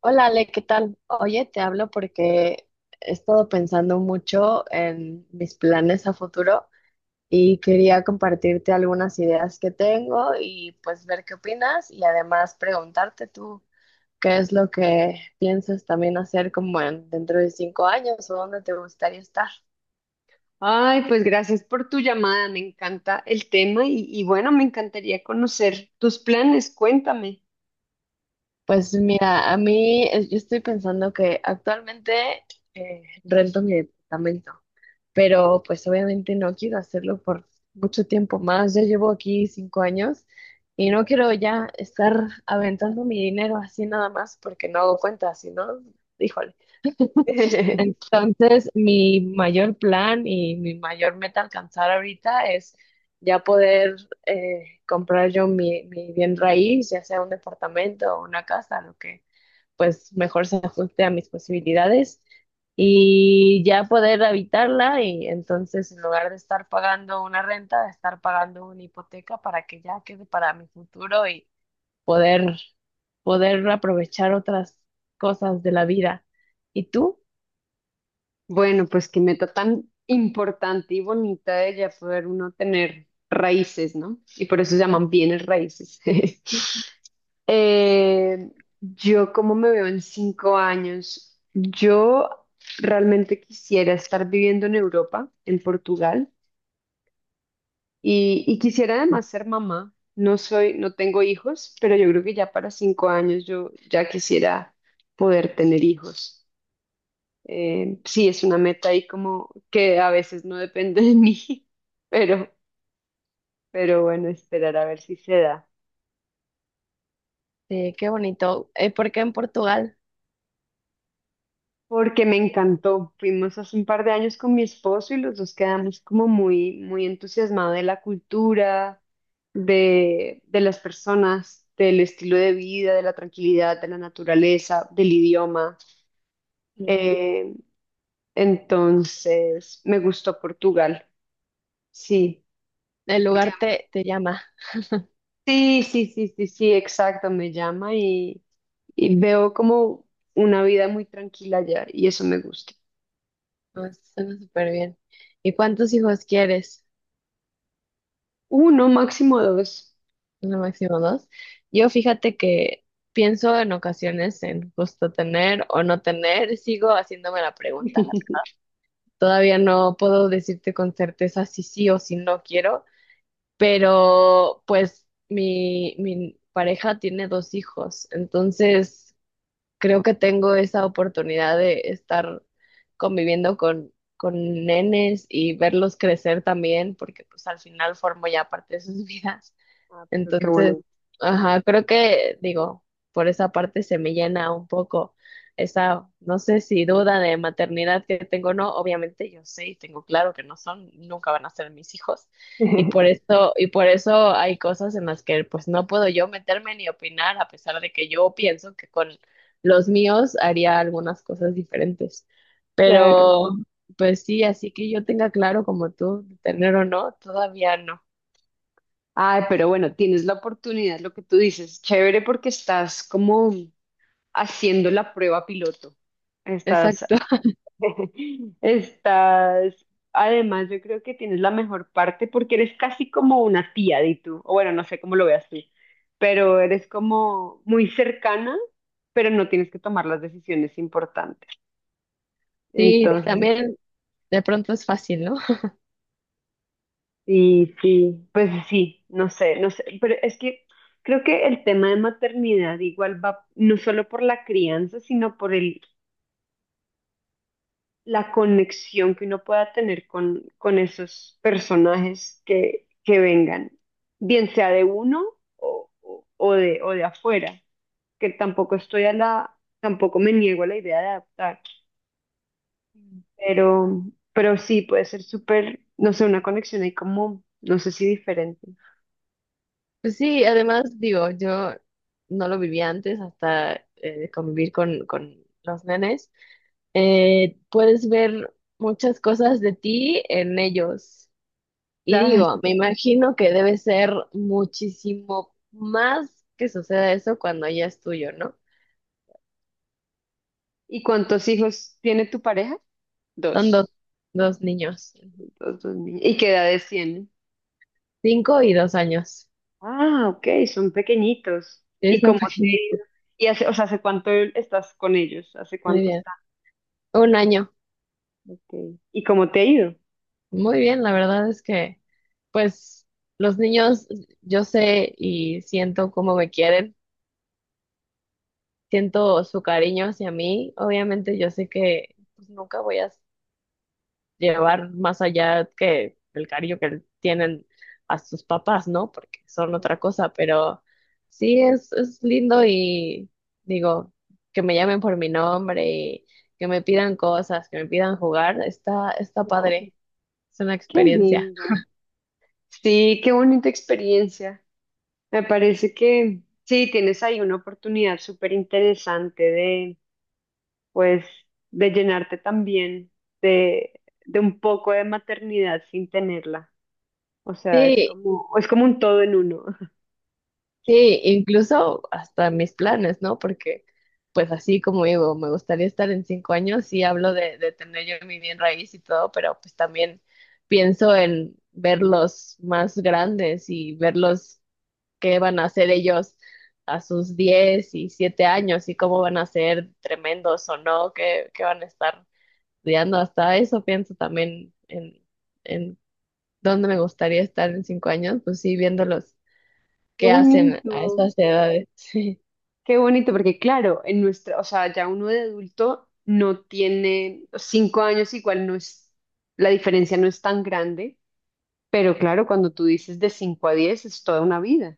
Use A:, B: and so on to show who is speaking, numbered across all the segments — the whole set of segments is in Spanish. A: Hola Ale, ¿qué tal? Oye, te hablo porque he estado pensando mucho en mis planes a futuro y quería compartirte algunas ideas que tengo y pues ver qué opinas y además preguntarte tú qué es lo que piensas también hacer como dentro de 5 años o dónde te gustaría estar.
B: Ay, pues gracias por tu llamada, me encanta el tema y bueno, me encantaría conocer tus planes, cuéntame.
A: Pues mira, a mí yo estoy pensando que actualmente rento mi departamento. Pero pues obviamente no quiero hacerlo por mucho tiempo más. Ya llevo aquí 5 años y no quiero ya estar aventando mi dinero así nada más porque no hago cuentas, sino, híjole. Entonces, mi mayor plan y mi mayor meta a alcanzar ahorita es ya poder comprar yo mi bien raíz, ya sea un departamento o una casa, lo que pues mejor se ajuste a mis posibilidades y ya poder habitarla y entonces en lugar de estar pagando una renta, de estar pagando una hipoteca para que ya quede para mi futuro y poder aprovechar otras cosas de la vida. ¿Y tú?
B: Bueno, pues qué meta tan importante y bonita de ya poder uno tener raíces, ¿no? Y por eso se llaman bienes raíces. Eh, yo, ¿cómo me veo en 5 años? Yo realmente quisiera estar viviendo en Europa, en Portugal. Y quisiera además ser mamá. No soy, no tengo hijos, pero yo creo que ya para 5 años yo ya quisiera poder tener hijos. Sí, es una meta ahí como que a veces no depende de mí, pero, pero bueno, esperar a ver si se da.
A: Qué bonito. ¿Por qué en Portugal?
B: Porque me encantó. Fuimos hace un par de años con mi esposo y los dos quedamos como muy, muy entusiasmados de la cultura, de las personas, del estilo de vida, de la tranquilidad, de la naturaleza, del idioma.
A: Mm,
B: Eh, entonces, me gustó Portugal. Sí.
A: El lugar te llama.
B: Sí, sí, sí, sí, sí, exacto. Me llama y veo como una vida muy tranquila allá y eso me gusta.
A: No, suena súper bien. ¿Y cuántos hijos quieres?
B: Uno, máximo dos.
A: No, máximo dos. Yo fíjate que pienso en ocasiones en justo tener o no tener, sigo haciéndome la pregunta. La Todavía no puedo decirte con certeza si sí o si no quiero, pero pues mi pareja tiene dos hijos, entonces creo que tengo esa oportunidad de estar conviviendo con nenes y verlos crecer también, porque pues al final formo ya parte de sus vidas.
B: Ah, pero qué
A: Entonces,
B: bueno.
A: ajá, creo que, digo, por esa parte se me llena un poco esa, no sé si duda de maternidad que tengo o no, obviamente yo sé y tengo claro que no son, nunca van a ser mis hijos, y por eso hay cosas en las que pues no puedo yo meterme ni opinar, a pesar de que yo pienso que con los míos haría algunas cosas diferentes.
B: Claro.
A: Pero, pues sí, así que yo tenga claro como tú, tener o no, todavía no.
B: Ay, pero bueno, tienes la oportunidad, lo que tú dices, chévere porque estás como haciendo la prueba piloto. Estás,
A: Exacto.
B: estás, además yo creo que tienes la mejor parte porque eres casi como una tía de tú, o bueno, no sé cómo lo veas tú, pero eres como muy cercana, pero no tienes que tomar las decisiones importantes.
A: Sí,
B: Entonces,
A: también de pronto es fácil, ¿no?
B: y sí, pues sí, no sé, no sé, pero es que creo que el tema de maternidad igual va no solo por la crianza, sino por el, la conexión que uno pueda tener con esos personajes que vengan, bien sea de uno o de afuera, que tampoco estoy a la, tampoco me niego a la idea de adaptar,
A: Mm.
B: pero, pero sí puede ser súper, no sé, una conexión ahí como, no sé si diferente.
A: Pues sí, además digo, yo no lo viví antes hasta convivir con los nenes. Puedes ver muchas cosas de ti en ellos. Y digo, me imagino que debe ser muchísimo más que suceda eso cuando ya es tuyo, ¿no?
B: ¿Y cuántos hijos tiene tu pareja?
A: Son dos,
B: Dos.
A: dos niños,
B: Dos, dos niños. ¿Y qué edades tienen?
A: 5 y 2 años.
B: Ah, ok, son pequeñitos.
A: Es
B: ¿Y
A: tan
B: cómo te
A: pequeño,
B: ha ido? ¿Y hace, o sea, hace cuánto estás con ellos? ¿Hace
A: muy
B: cuánto
A: bien.
B: están?
A: Un año.
B: Ok. ¿Y cómo te ha ido?
A: Muy bien, la verdad es que, pues, los niños, yo sé y siento cómo me quieren, siento su cariño hacia mí. Obviamente, yo sé que pues, nunca voy a llevar más allá que el cariño que tienen a sus papás, ¿no? Porque son otra cosa, pero sí es lindo y digo, que me llamen por mi nombre y que me pidan cosas, que me pidan jugar, está, está
B: Oh,
A: padre, es una
B: qué
A: experiencia.
B: lindo. Sí, qué bonita experiencia. Me parece que sí, tienes ahí una oportunidad súper interesante de, pues, de llenarte también de, de un poco de maternidad sin tenerla. O sea, es
A: Sí,
B: como, es como un todo en uno.
A: sí, incluso hasta mis planes, ¿no? Porque, pues así como digo, me gustaría estar en 5 años, sí hablo de tener yo mi bien raíz y todo, pero pues también pienso en verlos más grandes y verlos qué van a hacer ellos a sus 17 años y cómo van a ser tremendos o no, qué, qué van a estar estudiando. Hasta eso pienso también en dónde me gustaría estar en cinco años, pues sí, viéndolos
B: Qué
A: que hacen
B: bonito,
A: a esas edades. Sí,
B: qué bonito, porque claro, en nuestra, o sea, ya uno de adulto no tiene 5 años, igual no es, la diferencia no es tan grande, pero claro, cuando tú dices de 5 a 10 es toda una vida.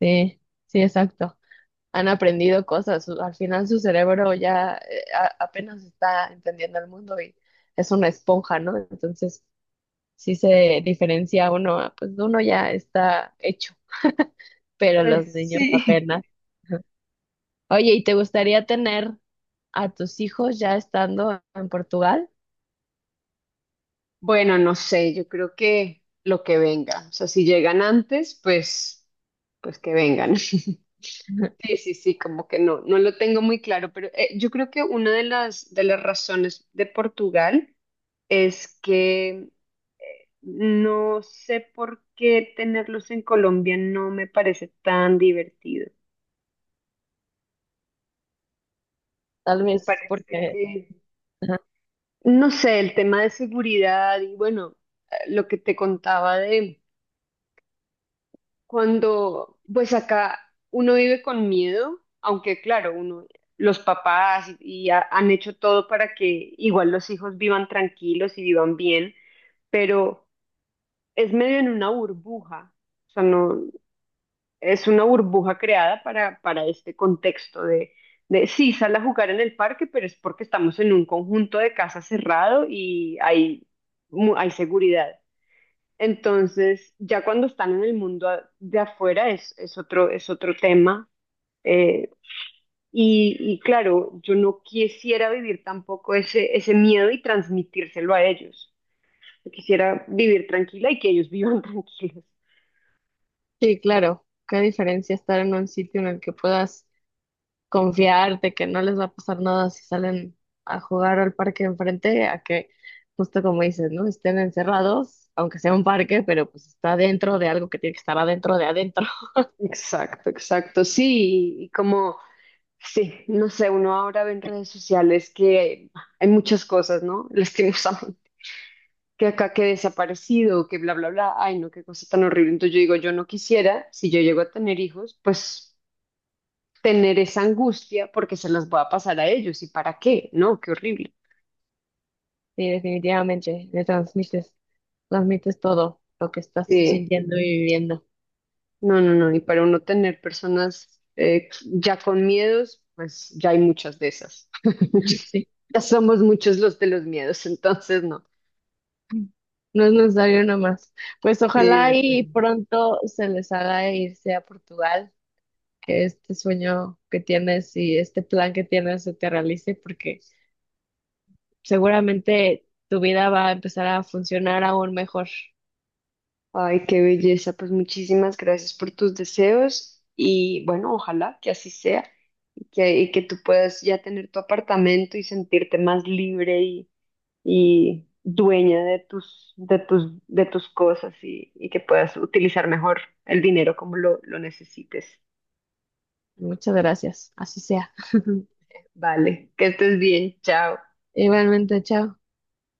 A: sí, sí, exacto. Han aprendido cosas. Al final su cerebro ya apenas está entendiendo el mundo y es una esponja, ¿no? Entonces, sí se diferencia uno, pues uno ya está hecho, pero
B: Pues
A: los niños
B: sí.
A: apenas. Oye, ¿y te gustaría tener a tus hijos ya estando en Portugal?
B: Bueno, no sé, yo creo que lo que venga, o sea, si llegan antes, pues, pues que vengan. Sí, sí, sí, como que no, no lo tengo muy claro, pero yo creo que una de las razones de Portugal es que no sé por qué tenerlos en Colombia no me parece tan divertido.
A: Tal
B: Me
A: vez
B: parece
A: porque.
B: que,
A: Ajá.
B: no sé, el tema de seguridad y bueno, lo que te contaba de cuando, pues acá uno vive con miedo, aunque claro, uno, los papás y han hecho todo para que igual los hijos vivan tranquilos y vivan bien, pero es medio en una burbuja. O sea, no, es una burbuja creada para este contexto de sí, sal a jugar en el parque, pero es porque estamos en un conjunto de casas cerrado y hay, hay seguridad. Entonces, ya cuando están en el mundo de afuera es otro tema. eh, y claro, yo no quisiera vivir tampoco ese miedo y transmitírselo a ellos. Yo quisiera vivir tranquila y que ellos vivan tranquilos.
A: Sí, claro. Qué diferencia estar en un sitio en el que puedas confiarte que no les va a pasar nada si salen a jugar al parque enfrente, a que, justo como dices, ¿no? Estén encerrados, aunque sea un parque, pero pues está dentro de algo que tiene que estar adentro de adentro.
B: Exacto, exacto, sí, y como sí, no sé, uno ahora ve en redes sociales que hay muchas cosas, ¿no? Lastimosamente, que acá que desaparecido, que bla, bla, bla. Ay, no, qué cosa tan horrible. Entonces yo digo, yo no quisiera, si yo llego a tener hijos, pues tener esa angustia porque se las voy a pasar a ellos. ¿Y para qué? No, qué horrible.
A: Sí, definitivamente, le transmites, todo lo que estás tú
B: Sí,
A: sintiendo y viviendo.
B: no, no, no. Y para uno tener personas ya con miedos, pues ya hay muchas de esas.
A: Sí.
B: Ya somos muchos los de los miedos, entonces no.
A: No es necesario nomás. Pues
B: Sí, de
A: ojalá y
B: acuerdo.
A: pronto se les haga irse a Portugal, que este sueño que tienes y este plan que tienes se te realice, porque seguramente tu vida va a empezar a funcionar aún mejor.
B: Ay, qué belleza. Pues muchísimas gracias por tus deseos y bueno, ojalá que así sea y que tú puedas ya tener tu apartamento y sentirte más libre y dueña de tus, cosas y que puedas utilizar mejor el dinero como lo necesites.
A: Muchas gracias. Así sea.
B: Vale, que estés bien. Chao.
A: Igualmente, chao.